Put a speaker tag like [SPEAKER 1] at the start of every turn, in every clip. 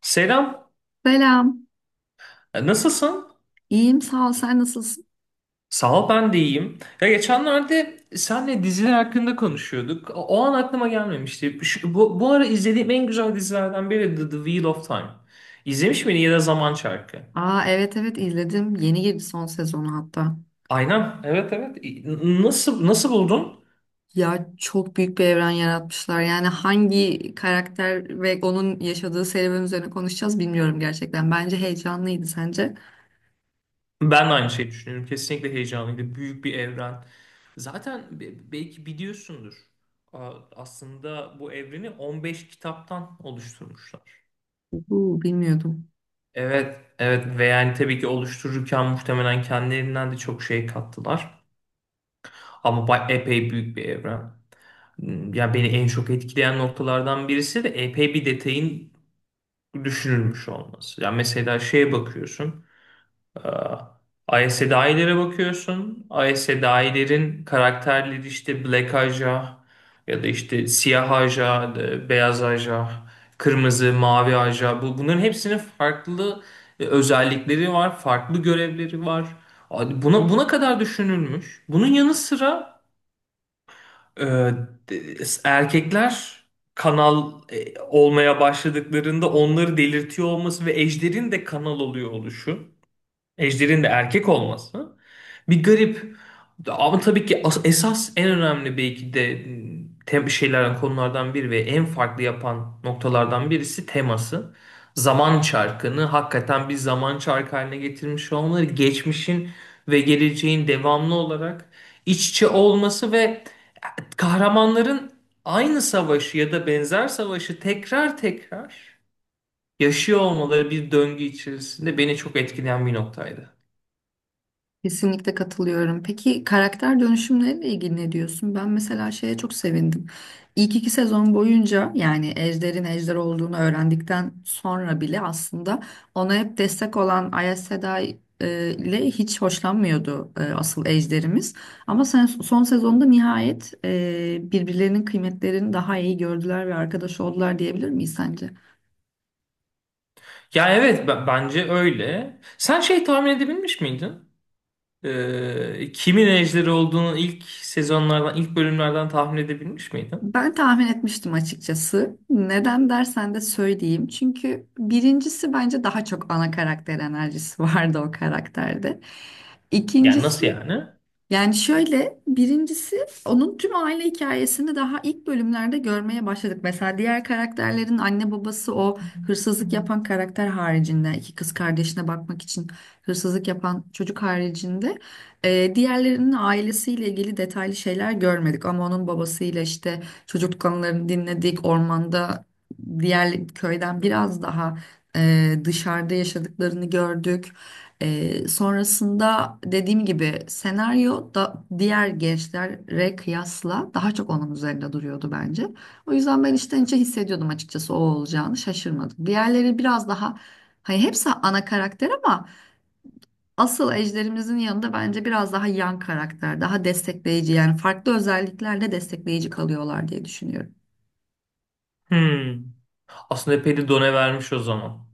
[SPEAKER 1] Selam.
[SPEAKER 2] Selam.
[SPEAKER 1] Nasılsın?
[SPEAKER 2] İyiyim sağ ol. Sen nasılsın?
[SPEAKER 1] Sağ ol, ben de iyiyim. Ya geçenlerde senle diziler hakkında konuşuyorduk. O an aklıma gelmemişti. Bu ara izlediğim en güzel dizilerden biri The Wheel of Time. İzlemiş miydin ya da Zaman Çarkı?
[SPEAKER 2] Aa evet evet izledim. Yeni girdi son sezonu hatta.
[SPEAKER 1] Aynen, evet, evet. Nasıl buldun?
[SPEAKER 2] Ya çok büyük bir evren yaratmışlar. Yani hangi karakter ve onun yaşadığı serüven üzerine konuşacağız bilmiyorum gerçekten. Bence heyecanlıydı sence?
[SPEAKER 1] Ben de aynı şeyi düşünüyorum. Kesinlikle heyecanlıydı. Büyük bir evren. Zaten belki biliyorsundur. Aslında bu evreni 15 kitaptan oluşturmuşlar.
[SPEAKER 2] Bu bilmiyordum.
[SPEAKER 1] Evet, evet ve yani tabii ki oluştururken muhtemelen kendilerinden de çok şey kattılar. Ama epey büyük bir evren. Ya beni en çok etkileyen noktalardan birisi de epey bir detayın düşünülmüş olması. Ya mesela şeye bakıyorsun. ISDI'lere bakıyorsun. ISDI'lerin karakterleri işte Black Aja ya da işte siyah Aja, beyaz Aja, kırmızı, mavi Aja. Bunların hepsinin farklı özellikleri var, farklı görevleri var. Abi Buna kadar düşünülmüş. Bunun yanı sıra e, de- erkekler kanal olmaya başladıklarında onları delirtiyor olması ve ejderin de kanal oluyor oluşu. Ejder'in de erkek olması bir garip. Ama tabii ki esas en önemli belki de tem şeylerden konulardan biri ve en farklı yapan noktalardan birisi teması. Zaman çarkını hakikaten bir zaman çarkı haline getirmiş olmaları, geçmişin ve geleceğin devamlı olarak iç içe olması ve kahramanların aynı savaşı ya da benzer savaşı tekrar tekrar yaşıyor olmaları bir döngü içerisinde beni çok etkileyen bir noktaydı.
[SPEAKER 2] Kesinlikle katılıyorum. Peki karakter dönüşümleriyle ilgili ne diyorsun? Ben mesela şeye çok sevindim. İlk iki sezon boyunca yani Ejder'in Ejder olduğunu öğrendikten sonra bile aslında ona hep destek olan Aes Sedai ile hiç hoşlanmıyordu asıl Ejder'imiz. Ama sen, son sezonda nihayet birbirlerinin kıymetlerini daha iyi gördüler ve arkadaş oldular diyebilir miyiz sence?
[SPEAKER 1] Ya evet bence öyle. Sen şey tahmin edebilmiş miydin? Kimin ejderi olduğunu ilk sezonlardan, ilk bölümlerden tahmin edebilmiş miydin?
[SPEAKER 2] Ben tahmin etmiştim açıkçası. Neden dersen de söyleyeyim. Çünkü birincisi bence daha çok ana karakter enerjisi vardı o karakterde.
[SPEAKER 1] Yani
[SPEAKER 2] İkincisi
[SPEAKER 1] nasıl yani?
[SPEAKER 2] yani şöyle birincisi onun tüm aile hikayesini daha ilk bölümlerde görmeye başladık. Mesela diğer karakterlerin anne babası o hırsızlık yapan karakter haricinde iki kız kardeşine bakmak için hırsızlık yapan çocuk haricinde diğerlerinin ailesiyle ilgili detaylı şeyler görmedik. Ama onun babasıyla işte çocuk konularını dinledik. Ormanda diğer köyden biraz daha dışarıda yaşadıklarını gördük. Sonrasında dediğim gibi senaryo da diğer gençlere kıyasla daha çok onun üzerinde duruyordu bence. O yüzden ben içten içe hissediyordum açıkçası o olacağını şaşırmadım. Diğerleri biraz daha hani hepsi ana karakter ama asıl ejderimizin yanında bence biraz daha yan karakter, daha destekleyici yani farklı özelliklerle destekleyici kalıyorlar diye düşünüyorum.
[SPEAKER 1] Hmm. Aslında epey de done vermiş o zaman.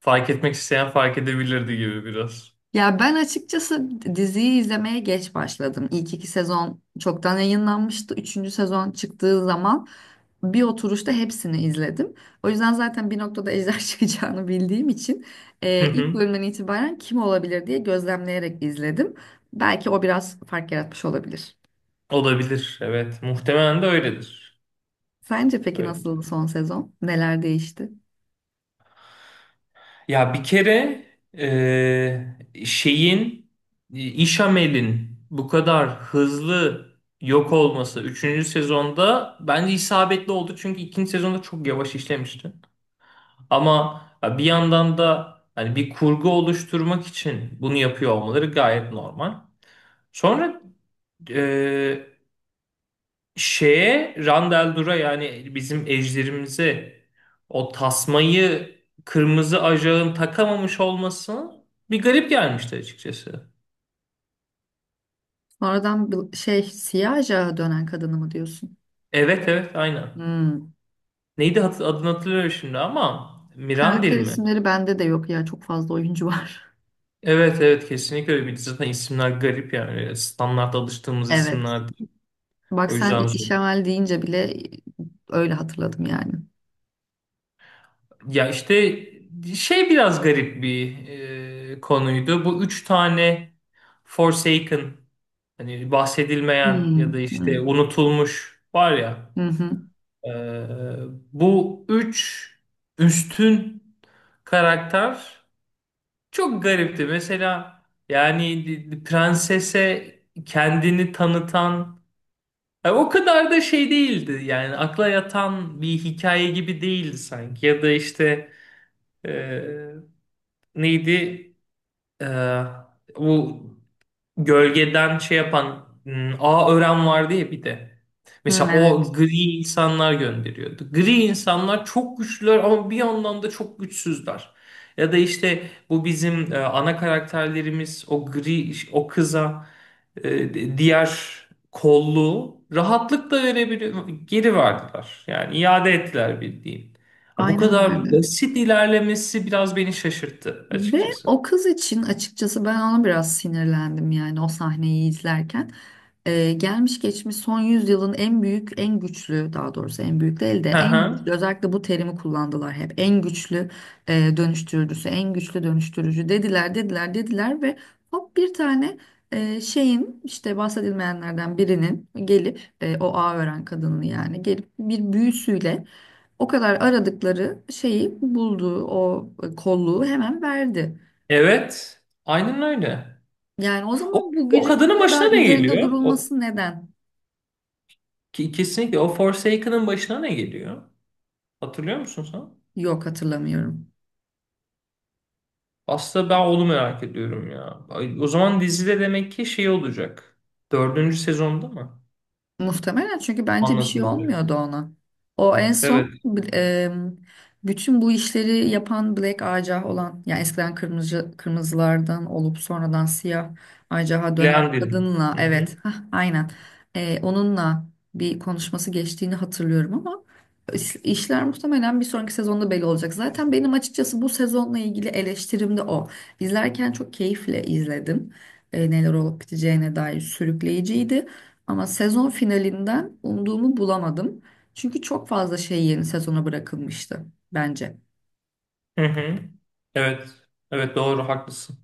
[SPEAKER 1] Fark etmek isteyen fark edebilirdi gibi biraz.
[SPEAKER 2] Ya ben açıkçası diziyi izlemeye geç başladım. İlk iki sezon çoktan yayınlanmıştı. Üçüncü sezon çıktığı zaman bir oturuşta hepsini izledim. O yüzden zaten bir noktada ejder çıkacağını bildiğim için
[SPEAKER 1] Hı
[SPEAKER 2] ilk
[SPEAKER 1] hı.
[SPEAKER 2] bölümden itibaren kim olabilir diye gözlemleyerek izledim. Belki o biraz fark yaratmış olabilir.
[SPEAKER 1] Olabilir. Evet. Muhtemelen de öyledir.
[SPEAKER 2] Sence peki
[SPEAKER 1] Öyle.
[SPEAKER 2] nasıldı son sezon? Neler değişti?
[SPEAKER 1] Ya bir kere şeyin İshamelin bu kadar hızlı yok olması üçüncü sezonda bence isabetli oldu. Çünkü ikinci sezonda çok yavaş işlemişti. Ama ya bir yandan da hani bir kurgu oluşturmak için bunu yapıyor olmaları gayet normal. Sonra şeye Randall, yani bizim ejderimize, o tasmayı kırmızı ajağın takamamış olması bir garip gelmişti, açıkçası.
[SPEAKER 2] Sonradan bir şey siyah ajağa dönen kadını mı diyorsun?
[SPEAKER 1] Evet, evet, aynen.
[SPEAKER 2] Hmm.
[SPEAKER 1] Neydi, adını hatırlıyorum şimdi ama Mirandil
[SPEAKER 2] Karakter
[SPEAKER 1] mi?
[SPEAKER 2] isimleri bende de yok ya çok fazla oyuncu var.
[SPEAKER 1] Evet, evet, kesinlikle öyle. Bir de zaten isimler garip yani. Standart alıştığımız
[SPEAKER 2] Evet.
[SPEAKER 1] isimler değil.
[SPEAKER 2] Bak
[SPEAKER 1] O
[SPEAKER 2] sen
[SPEAKER 1] yüzden zor.
[SPEAKER 2] işemel deyince bile öyle hatırladım yani.
[SPEAKER 1] Ya işte şey biraz garip bir konuydu. Bu üç tane Forsaken, hani bahsedilmeyen
[SPEAKER 2] Hmm.
[SPEAKER 1] ya da
[SPEAKER 2] Hmm.
[SPEAKER 1] işte unutulmuş, var ya.
[SPEAKER 2] Hı hı.
[SPEAKER 1] e, bu üç üstün karakter çok garipti. Mesela yani prensese kendini tanıtan o kadar da şey değildi. Yani akla yatan bir hikaye gibi değildi sanki. Ya da işte... Ee, neydi? Ee, bu gölgeden şey yapan A Ören vardı ya bir de.
[SPEAKER 2] Hı,
[SPEAKER 1] Mesela
[SPEAKER 2] evet.
[SPEAKER 1] o gri insanlar gönderiyordu. Gri insanlar çok güçlüler ama bir yandan da çok güçsüzler. Ya da işte bu bizim ana karakterlerimiz o gri o kıza diğer kolluğu rahatlıkla verebiliyor, geri verdiler. Yani iade ettiler bildiğin. Ha, bu
[SPEAKER 2] Aynen
[SPEAKER 1] kadar
[SPEAKER 2] öyle.
[SPEAKER 1] basit ilerlemesi biraz beni şaşırttı,
[SPEAKER 2] Ve
[SPEAKER 1] açıkçası.
[SPEAKER 2] o kız için açıkçası ben ona biraz sinirlendim yani o sahneyi izlerken. Gelmiş geçmiş son yüzyılın en büyük, en güçlü daha doğrusu en büyük değil de
[SPEAKER 1] Hı
[SPEAKER 2] en
[SPEAKER 1] hı.
[SPEAKER 2] güçlü özellikle bu terimi kullandılar hep. En güçlü dönüştürücüsü, en güçlü dönüştürücü dediler ve hop bir tane şeyin işte bahsedilmeyenlerden birinin gelip o ağ ören kadının yani gelip bir büyüsüyle o kadar aradıkları şeyi buldu, o kolluğu hemen verdi.
[SPEAKER 1] Evet. Aynen öyle.
[SPEAKER 2] Yani o
[SPEAKER 1] O,
[SPEAKER 2] zaman bu
[SPEAKER 1] o
[SPEAKER 2] gücün bu
[SPEAKER 1] kadının başına
[SPEAKER 2] kadar
[SPEAKER 1] ne
[SPEAKER 2] üzerinde
[SPEAKER 1] geliyor? O,
[SPEAKER 2] durulması neden?
[SPEAKER 1] ki- kesinlikle o Forsaken'ın başına ne geliyor? Hatırlıyor musun sen?
[SPEAKER 2] Yok hatırlamıyorum.
[SPEAKER 1] Aslında ben onu merak ediyorum ya. Ay, o zaman dizide demek ki şey olacak. Dördüncü sezonda mı?
[SPEAKER 2] Muhtemelen çünkü bence bir şey olmuyordu
[SPEAKER 1] Anlatılacak.
[SPEAKER 2] ona. O en
[SPEAKER 1] Evet.
[SPEAKER 2] son e, bütün bu işleri yapan Black Ajah olan yani eskiden kırmızılardan olup sonradan siyah Ajah'a dönen
[SPEAKER 1] Leandrin.
[SPEAKER 2] kadınla
[SPEAKER 1] Hı
[SPEAKER 2] evet
[SPEAKER 1] hı.
[SPEAKER 2] hah, aynen. E, onunla bir konuşması geçtiğini hatırlıyorum ama işler muhtemelen bir sonraki sezonda belli olacak. Zaten benim açıkçası bu sezonla ilgili eleştirim de o. İzlerken çok keyifle izledim. E, neler olup biteceğine dair sürükleyiciydi. Ama sezon finalinden umduğumu bulamadım. Çünkü çok fazla şey yeni sezona bırakılmıştı bence.
[SPEAKER 1] Hı hı. Evet. Evet, doğru, haklısın.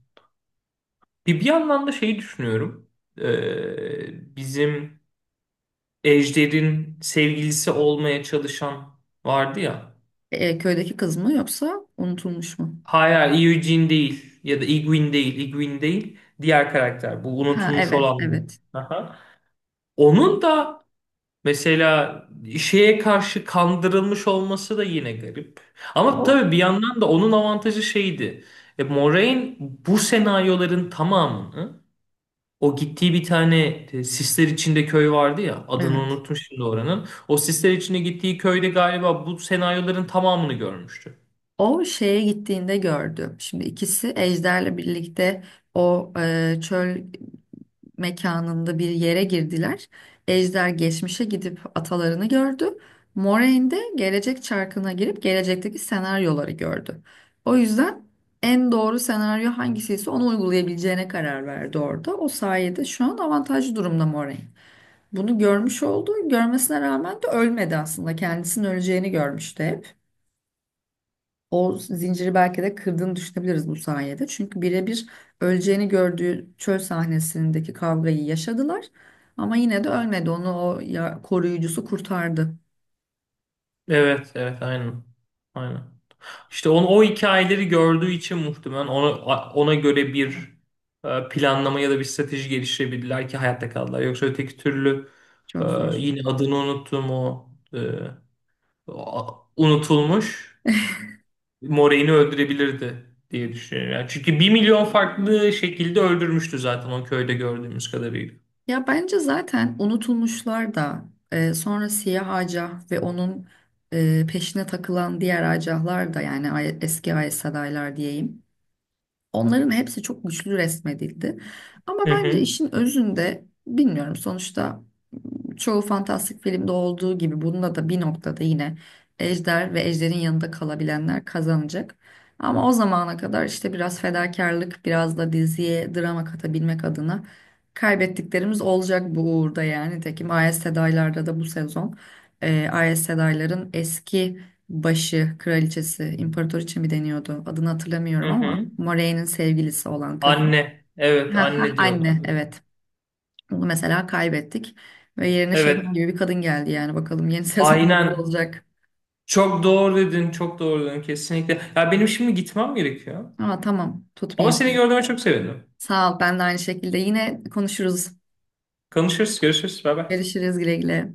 [SPEAKER 1] Bir yandan da şeyi düşünüyorum. Bizim Ejder'in sevgilisi olmaya çalışan vardı ya.
[SPEAKER 2] E, köydeki kız mı yoksa unutulmuş mu?
[SPEAKER 1] Hayır, hayır, Eugene değil ya da Igwin değil, Igwin değil. Diğer karakter bu
[SPEAKER 2] Ha
[SPEAKER 1] unutulmuş
[SPEAKER 2] evet
[SPEAKER 1] olan.
[SPEAKER 2] evet.
[SPEAKER 1] Aha. Onun da mesela şeye karşı kandırılmış olması da yine garip. Ama
[SPEAKER 2] O
[SPEAKER 1] tabii bir yandan da onun avantajı şeydi. Moraine bu senaryoların tamamını o gittiği bir tane sisler içinde köy vardı ya, adını
[SPEAKER 2] evet.
[SPEAKER 1] unuttum şimdi oranın. O sisler içinde gittiği köyde galiba bu senaryoların tamamını görmüştü.
[SPEAKER 2] O şeye gittiğinde gördü. Şimdi ikisi Ejder'le birlikte o çöl mekanında bir yere girdiler. Ejder geçmişe gidip atalarını gördü. Moraine de gelecek çarkına girip gelecekteki senaryoları gördü. O yüzden en doğru senaryo hangisiyse onu uygulayabileceğine karar verdi orada. O sayede şu an avantajlı durumda Moraine. Bunu görmüş oldu. Görmesine rağmen de ölmedi aslında. Kendisinin öleceğini görmüştü hep. O zinciri belki de kırdığını düşünebiliriz bu sayede. Çünkü birebir öleceğini gördüğü çöl sahnesindeki kavgayı yaşadılar. Ama yine de ölmedi. Onu o koruyucusu kurtardı.
[SPEAKER 1] Evet, evet, aynen. Aynen. İşte onu, o hikayeleri gördüğü için muhtemelen ona göre bir planlama ya da bir strateji geliştirebildiler ki hayatta kaldılar. Yoksa öteki türlü e,
[SPEAKER 2] Çok zor.
[SPEAKER 1] yine adını unuttum o unutulmuş Morey'ni öldürebilirdi diye düşünüyorum. Yani çünkü bir milyon farklı şekilde öldürmüştü zaten o köyde gördüğümüz kadarıyla.
[SPEAKER 2] Ya bence zaten unutulmuşlar da sonra siyah acah ve onun peşine takılan diğer acahlar da yani eski AES adaylar diyeyim. Onların hepsi çok güçlü resmedildi. Ama
[SPEAKER 1] Hı
[SPEAKER 2] bence
[SPEAKER 1] hı,
[SPEAKER 2] işin özünde bilmiyorum sonuçta çoğu fantastik filmde olduğu gibi bunda da bir noktada yine ejder ve ejderin yanında kalabilenler kazanacak. Ama o zamana kadar işte biraz fedakarlık, biraz da diziye drama katabilmek adına kaybettiklerimiz olacak bu uğurda yani. Nitekim Ayas Sedaylar'da da bu sezon Ayas Sedaylar'ın eski başı, kraliçesi, imparator için mi deniyordu adını
[SPEAKER 1] hı
[SPEAKER 2] hatırlamıyorum ama
[SPEAKER 1] hı.
[SPEAKER 2] Moraine'in sevgilisi olan kadın.
[SPEAKER 1] Anne. Evet,
[SPEAKER 2] Ha ha
[SPEAKER 1] anne
[SPEAKER 2] anne
[SPEAKER 1] diyorlardı.
[SPEAKER 2] evet. Onu mesela kaybettik. Ve yerine
[SPEAKER 1] Evet.
[SPEAKER 2] şeytan gibi bir kadın geldi yani. Bakalım yeni sezon nasıl
[SPEAKER 1] Aynen.
[SPEAKER 2] olacak.
[SPEAKER 1] Çok doğru dedin, çok doğru dedin kesinlikle. Ya benim şimdi gitmem gerekiyor.
[SPEAKER 2] Ama tamam
[SPEAKER 1] Ama
[SPEAKER 2] tutmayayım
[SPEAKER 1] seni
[SPEAKER 2] seni.
[SPEAKER 1] gördüğüme çok sevindim.
[SPEAKER 2] Sağ ol ben de aynı şekilde. Yine konuşuruz.
[SPEAKER 1] Konuşuruz, görüşürüz. Bay bay.
[SPEAKER 2] Görüşürüz güle güle.